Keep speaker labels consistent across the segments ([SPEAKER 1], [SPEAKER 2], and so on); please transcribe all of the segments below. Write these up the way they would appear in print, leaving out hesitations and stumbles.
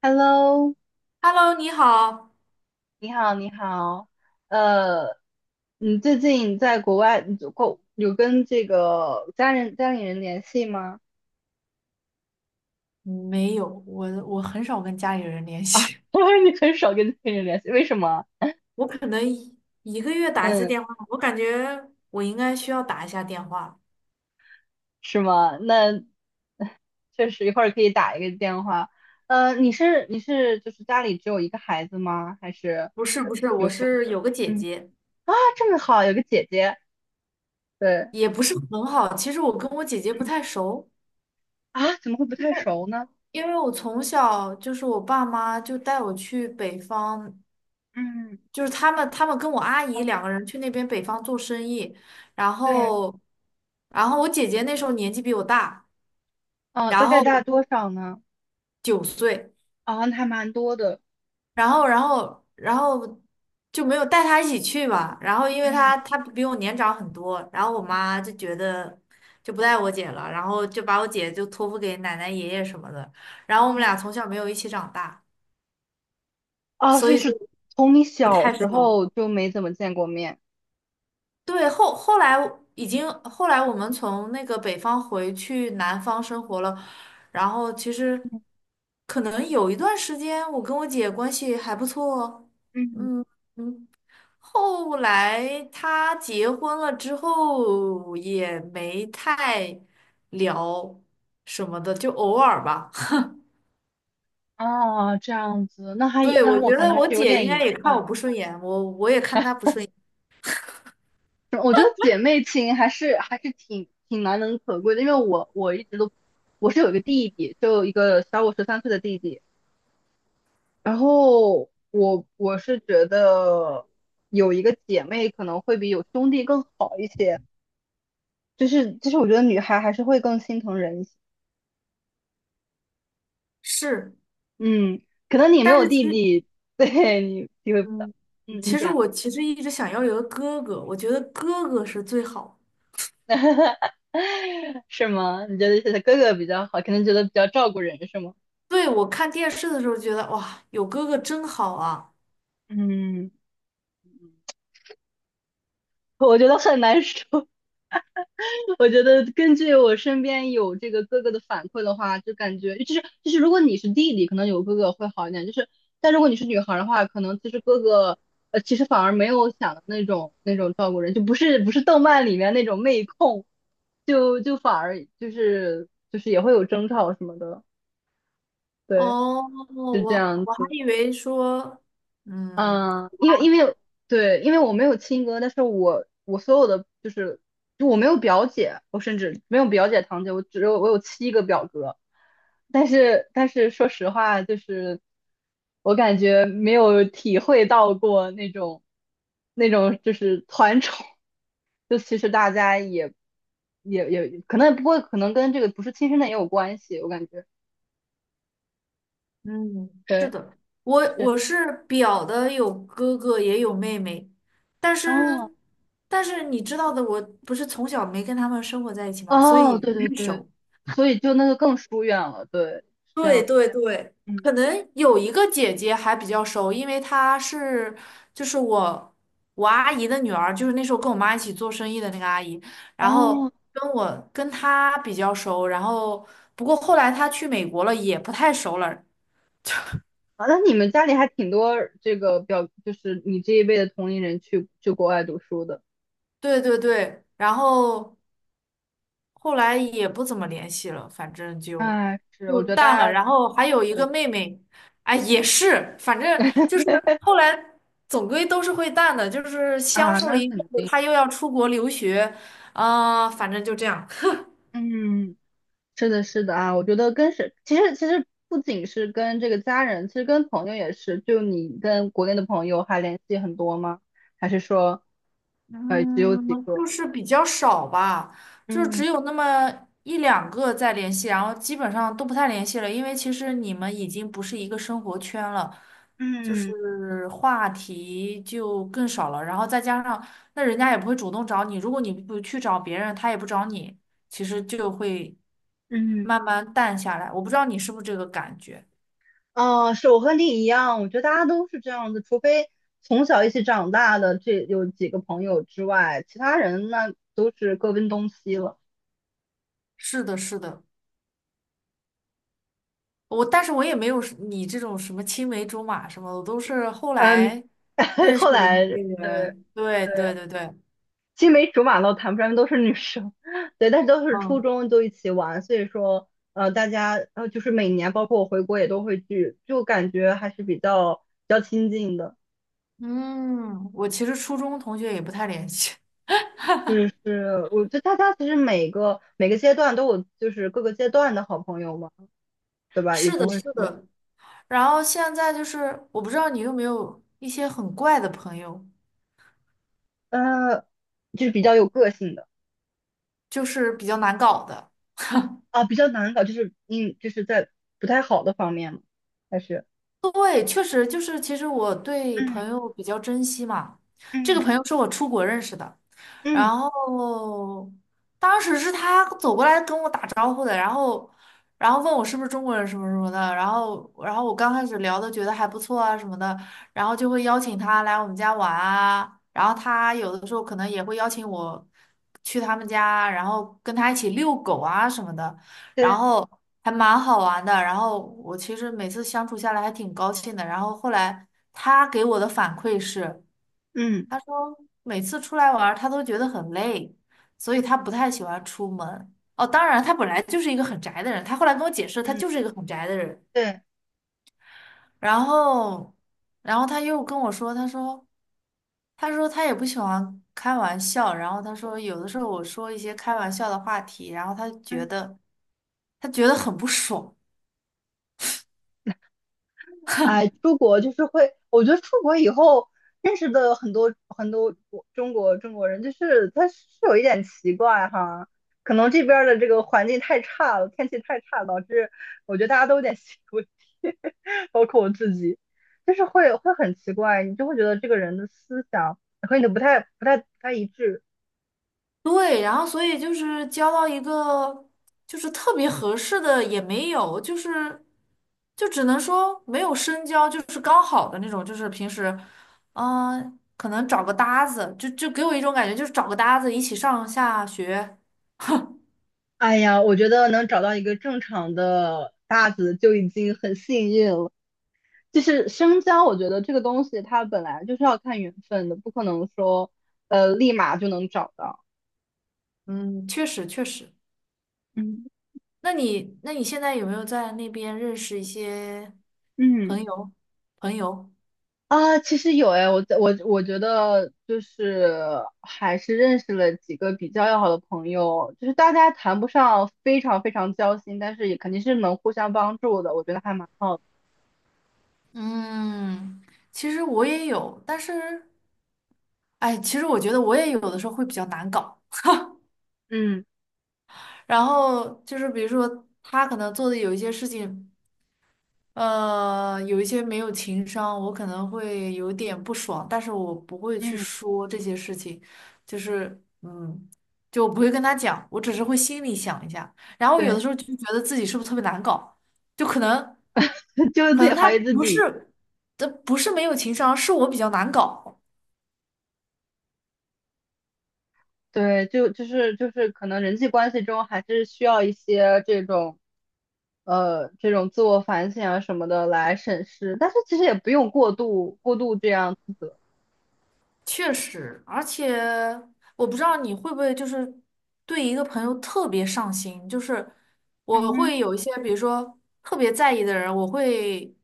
[SPEAKER 1] Hello，
[SPEAKER 2] Hello，你好。
[SPEAKER 1] 你好，你好，呃，你最近在国外，你有跟这个家里人联系吗？
[SPEAKER 2] 没有，我很少跟家里人联系。
[SPEAKER 1] 我说你很少跟家里人联系，为什么？
[SPEAKER 2] 我可能一个月打1次
[SPEAKER 1] 嗯，
[SPEAKER 2] 电话，我感觉我应该需要打一下电话。
[SPEAKER 1] 是吗？那 确实一会儿可以打一个电话。你是就是家里只有一个孩子吗？还是
[SPEAKER 2] 不是，
[SPEAKER 1] 有
[SPEAKER 2] 我
[SPEAKER 1] 兄弟？
[SPEAKER 2] 是有个姐
[SPEAKER 1] 嗯，
[SPEAKER 2] 姐，
[SPEAKER 1] 啊，这么好，有个姐姐。对
[SPEAKER 2] 也不是很好。其实我跟我姐姐不太熟，
[SPEAKER 1] 啊，怎么会不太熟呢？
[SPEAKER 2] 因为我从小就是我爸妈就带我去北方，
[SPEAKER 1] 嗯，
[SPEAKER 2] 就是他们跟我阿
[SPEAKER 1] 啊，
[SPEAKER 2] 姨两个人去那边北方做生意，然
[SPEAKER 1] 对，
[SPEAKER 2] 后然后我姐姐那时候年纪比我大，
[SPEAKER 1] 啊，大
[SPEAKER 2] 然
[SPEAKER 1] 概
[SPEAKER 2] 后
[SPEAKER 1] 大多少呢？
[SPEAKER 2] 9岁。
[SPEAKER 1] 啊，还蛮多的。
[SPEAKER 2] 然后就没有带他一起去吧。然后因为
[SPEAKER 1] 嗯
[SPEAKER 2] 他比我年长很多，然后我妈就觉得就不带我姐了，然后就把我姐就托付给奶奶爷爷什么的。然后我们俩从小没有一起长大，所
[SPEAKER 1] 就
[SPEAKER 2] 以
[SPEAKER 1] 是
[SPEAKER 2] 就
[SPEAKER 1] 从你
[SPEAKER 2] 不
[SPEAKER 1] 小
[SPEAKER 2] 太
[SPEAKER 1] 时
[SPEAKER 2] 熟。
[SPEAKER 1] 候就没怎么见过面。
[SPEAKER 2] 对，后来已经后来我们从那个北方回去南方生活了，然后其实可能有1段时间我跟我姐关系还不错哦，
[SPEAKER 1] 嗯，
[SPEAKER 2] 嗯嗯。后来他结婚了之后也没太聊什么的，就偶尔吧。
[SPEAKER 1] 哦，这样子，那还也，
[SPEAKER 2] 对，
[SPEAKER 1] 那
[SPEAKER 2] 我
[SPEAKER 1] 我
[SPEAKER 2] 觉
[SPEAKER 1] 感
[SPEAKER 2] 得
[SPEAKER 1] 觉是
[SPEAKER 2] 我
[SPEAKER 1] 有
[SPEAKER 2] 姐应
[SPEAKER 1] 点
[SPEAKER 2] 该
[SPEAKER 1] 遗
[SPEAKER 2] 也看我
[SPEAKER 1] 憾。
[SPEAKER 2] 不顺眼，我也看她不顺眼。
[SPEAKER 1] 我觉得姐妹情还是挺难能可贵的，因为我是有一个弟弟，就一个小我13岁的弟弟，然后我是觉得有一个姐妹可能会比有兄弟更好一些，就是我觉得女孩还是会更心疼人一些。
[SPEAKER 2] 是，
[SPEAKER 1] 嗯，可能你没
[SPEAKER 2] 但
[SPEAKER 1] 有
[SPEAKER 2] 是其
[SPEAKER 1] 弟
[SPEAKER 2] 实，
[SPEAKER 1] 弟，对你体会不到。
[SPEAKER 2] 嗯，
[SPEAKER 1] 嗯，你
[SPEAKER 2] 其实
[SPEAKER 1] 讲，
[SPEAKER 2] 我一直想要有个哥哥，我觉得哥哥是最好。
[SPEAKER 1] 是吗？你觉得是他哥哥比较好，可能觉得比较照顾人，是吗？
[SPEAKER 2] 对，我看电视的时候觉得哇，有哥哥真好啊。
[SPEAKER 1] 嗯，我觉得很难说。我觉得根据我身边有这个哥哥的反馈的话，就感觉就是如果你是弟弟，可能有哥哥会好一点，就是但如果你是女孩的话，可能其实哥哥其实反而没有想的那种照顾人，就不是动漫里面那种妹控，就反而就是也会有争吵什么的，对，
[SPEAKER 2] 哦，
[SPEAKER 1] 是这
[SPEAKER 2] 我
[SPEAKER 1] 样
[SPEAKER 2] 我还
[SPEAKER 1] 子。
[SPEAKER 2] 以为说，嗯。
[SPEAKER 1] 嗯，因为对，因为我没有亲哥，但是我所有的就是就我没有表姐，我甚至没有表姐堂姐，我有7个表哥，但是说实话，就是我感觉没有体会到过那种就是团宠，就其实大家也可能跟这个不是亲生的也有关系，我感觉
[SPEAKER 2] 嗯，是
[SPEAKER 1] 对
[SPEAKER 2] 的，我
[SPEAKER 1] 是
[SPEAKER 2] 我是表的有哥哥也有妹妹，但
[SPEAKER 1] 哦
[SPEAKER 2] 是但是你知道的，我不是从小没跟他们生活在一起嘛，所
[SPEAKER 1] 哦，
[SPEAKER 2] 以
[SPEAKER 1] 对
[SPEAKER 2] 不
[SPEAKER 1] 对
[SPEAKER 2] 太
[SPEAKER 1] 对，
[SPEAKER 2] 熟。
[SPEAKER 1] 所以就那个更疏远了，对，是这
[SPEAKER 2] 对
[SPEAKER 1] 样，
[SPEAKER 2] 对对，
[SPEAKER 1] 嗯，
[SPEAKER 2] 可能有一个姐姐还比较熟，因为她是就是我阿姨的女儿，就是那时候跟我妈一起做生意的那个阿姨，然后
[SPEAKER 1] 哦，
[SPEAKER 2] 跟我跟她比较熟，然后不过后来她去美国了，也不太熟了。
[SPEAKER 1] 啊那你们家里还挺多这个表，就是你这一辈的同龄人去国外读书的，
[SPEAKER 2] 对对对，然后后来也不怎么联系了，反正就
[SPEAKER 1] 哎，是，我
[SPEAKER 2] 就
[SPEAKER 1] 觉得
[SPEAKER 2] 淡了。
[SPEAKER 1] 大家，
[SPEAKER 2] 然后还有一
[SPEAKER 1] 对
[SPEAKER 2] 个妹妹，哎，也是，反正就是后来总归都是会淡的，就是相
[SPEAKER 1] 啊，
[SPEAKER 2] 处了
[SPEAKER 1] 那
[SPEAKER 2] 一阵
[SPEAKER 1] 肯
[SPEAKER 2] 子，
[SPEAKER 1] 定，
[SPEAKER 2] 她又要出国留学，啊、反正就这样。
[SPEAKER 1] 嗯，是的，是的啊，我觉得其实不仅是跟这个家人，其实跟朋友也是，就你跟国内的朋友还联系很多吗？还是说，只有
[SPEAKER 2] 嗯，
[SPEAKER 1] 几个？
[SPEAKER 2] 就是比较少吧，就是
[SPEAKER 1] 嗯
[SPEAKER 2] 只有那么1两个在联系，然后基本上都不太联系了，因为其实你们已经不是一个生活圈了，就
[SPEAKER 1] 嗯
[SPEAKER 2] 是话题就更少了，然后再加上那人家也不会主动找你，如果你不去找别人，他也不找你，其实就会
[SPEAKER 1] 嗯。
[SPEAKER 2] 慢慢淡下来。我不知道你是不是这个感觉？
[SPEAKER 1] 啊，是我和你一样，我觉得大家都是这样子，除非从小一起长大的这有几个朋友之外，其他人那都是各奔东西了。
[SPEAKER 2] 是的，是的，但是我也没有是你这种什么青梅竹马什么的，我都是后
[SPEAKER 1] 嗯，
[SPEAKER 2] 来。认识
[SPEAKER 1] 后
[SPEAKER 2] 的
[SPEAKER 1] 来
[SPEAKER 2] 那
[SPEAKER 1] 对
[SPEAKER 2] 些
[SPEAKER 1] 对，
[SPEAKER 2] 人，对对对对，
[SPEAKER 1] 青梅竹马都谈不上，都是女生，对，但是都是初
[SPEAKER 2] 嗯
[SPEAKER 1] 中就一起玩，所以说大家就是每年，包括我回国也都会聚，就感觉还是比较亲近的。
[SPEAKER 2] 嗯，我其实初中同学也不太联系。
[SPEAKER 1] 是是，我觉得大家其实每个阶段都有，就是各个阶段的好朋友嘛。对 吧？也
[SPEAKER 2] 是
[SPEAKER 1] 不
[SPEAKER 2] 的，
[SPEAKER 1] 会
[SPEAKER 2] 是
[SPEAKER 1] 说，
[SPEAKER 2] 的。然后现在就是，我不知道你有没有一些很怪的朋友，
[SPEAKER 1] 呃，就是比较有个性的
[SPEAKER 2] 就是比较难搞的。
[SPEAKER 1] 啊，比较难搞，就是嗯，就是在不太好的方面嘛，还是
[SPEAKER 2] 对，确实就是，其实我对
[SPEAKER 1] 嗯
[SPEAKER 2] 朋友比较珍惜嘛。这个
[SPEAKER 1] 嗯
[SPEAKER 2] 朋友是我出国认识的。然
[SPEAKER 1] 嗯，
[SPEAKER 2] 后当时是他走过来跟我打招呼的，然后然后问我是不是中国人什么什么的，然后我刚开始聊的觉得还不错啊什么的，然后就会邀请他来我们家玩啊，然后他有的时候可能也会邀请我去他们家，然后跟他一起遛狗啊什么的，然
[SPEAKER 1] 对，
[SPEAKER 2] 后还蛮好玩的，然后我其实每次相处下来还挺高兴的，然后后来他给我的反馈是。
[SPEAKER 1] 嗯
[SPEAKER 2] 他说每次出来玩儿他都觉得很累，所以他不太喜欢出门。哦，当然，他本来就是一个很宅的人，他后来跟我解释，他
[SPEAKER 1] 嗯
[SPEAKER 2] 就是一个很宅的人。
[SPEAKER 1] 对，
[SPEAKER 2] 然后，然后他又跟我说，他说，他说他也不喜欢开玩笑，然后他说有的时候我说一些开玩笑的话题，然后他觉
[SPEAKER 1] 嗯。
[SPEAKER 2] 得他觉得很不爽。
[SPEAKER 1] 哎，出国就是会，我觉得出国以后认识的很多很多国中国中国人，就是他是有一点奇怪哈，可能这边儿的这个环境太差了，天气太差了导致我觉得大家都有点心理问题，包括我自己，就是会很奇怪，你就会觉得这个人的思想和你的不太一致。
[SPEAKER 2] 对，然后所以就是交到一个就是特别合适的也没有，就是就只能说没有深交，就是刚好的那种，就是平时，嗯、可能找个搭子，就就给我一种感觉，就是找个搭子一起上下学。
[SPEAKER 1] 哎呀，我觉得能找到一个正常的搭子就已经很幸运了。就是深交，我觉得这个东西它本来就是要看缘分的，不可能说立马就能找到。
[SPEAKER 2] 嗯，确实。
[SPEAKER 1] 嗯
[SPEAKER 2] 那你现在有没有在那边认识一些
[SPEAKER 1] 嗯
[SPEAKER 2] 朋友朋友？
[SPEAKER 1] 啊，其实有哎，我在我觉得就是还是认识了几个比较要好的朋友，就是大家谈不上非常非常交心，但是也肯定是能互相帮助的，我觉得还蛮好的。
[SPEAKER 2] 嗯，其实我也有，但是哎，其实我觉得我也有的时候会比较难搞。
[SPEAKER 1] 嗯
[SPEAKER 2] 然后就是比如说他可能做的有一些事情，呃，有一些没有情商，我可能会有点不爽，但是我不会去
[SPEAKER 1] 嗯，
[SPEAKER 2] 说这些事情，就是嗯，就我不会跟他讲，我只是会心里想一下，然后有的
[SPEAKER 1] 对，
[SPEAKER 2] 时候就觉得自己是不是特别难搞，就可能
[SPEAKER 1] 就是
[SPEAKER 2] 可
[SPEAKER 1] 自己
[SPEAKER 2] 能他
[SPEAKER 1] 怀疑自
[SPEAKER 2] 不
[SPEAKER 1] 己。
[SPEAKER 2] 是，这不是没有情商，是我比较难搞。
[SPEAKER 1] 对，就是可能人际关系中还是需要一些这种这种自我反省啊什么的来审视，但是其实也不用过度这样自责
[SPEAKER 2] 确实，而且我不知道你会不会就是对一个朋友特别上心，就是
[SPEAKER 1] 嗯
[SPEAKER 2] 我
[SPEAKER 1] 哼，
[SPEAKER 2] 会有一些，比如说特别在意的人，我会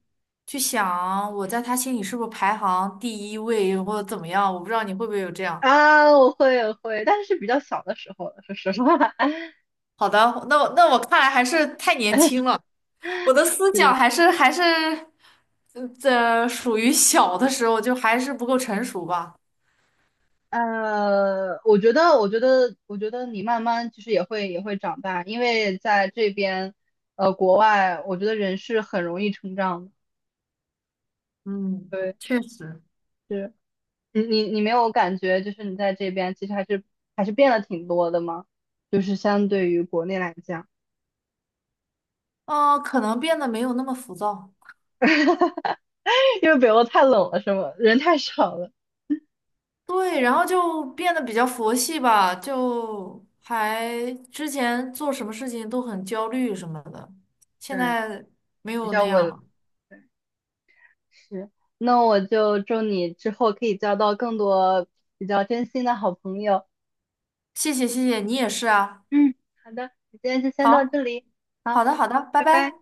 [SPEAKER 2] 去想我在他心里是不是排行第1位或者怎么样，我不知道你会不会有这样。
[SPEAKER 1] 啊，我会，但是是比较小的时候了，说实话
[SPEAKER 2] 好的，那我看来还是太年轻了，我的思想
[SPEAKER 1] 是。
[SPEAKER 2] 还是嗯这属于小的时候，就还是不够成熟吧。
[SPEAKER 1] 我觉得你慢慢其实也会长大，因为在这边，国外，我觉得人是很容易成长的。
[SPEAKER 2] 嗯，
[SPEAKER 1] 对，
[SPEAKER 2] 确实，
[SPEAKER 1] 是。你没有感觉，就是你在这边其实还是变了挺多的吗？就是相对于国内来讲，
[SPEAKER 2] 嗯、可能变得没有那么浮躁。
[SPEAKER 1] 因为北欧太冷了，是吗？人太少了，
[SPEAKER 2] 对，然后就变得比较佛系吧，就还之前做什么事情都很焦虑什么的，现
[SPEAKER 1] 对，
[SPEAKER 2] 在没
[SPEAKER 1] 比
[SPEAKER 2] 有那
[SPEAKER 1] 较
[SPEAKER 2] 样
[SPEAKER 1] 稳。
[SPEAKER 2] 了。
[SPEAKER 1] 对，是。那我就祝你之后可以交到更多比较真心的好朋友。
[SPEAKER 2] 谢谢谢谢，你也是啊。
[SPEAKER 1] 嗯，好的，今天就先到
[SPEAKER 2] 好，
[SPEAKER 1] 这里，好，
[SPEAKER 2] 好的好的，拜
[SPEAKER 1] 拜拜。
[SPEAKER 2] 拜。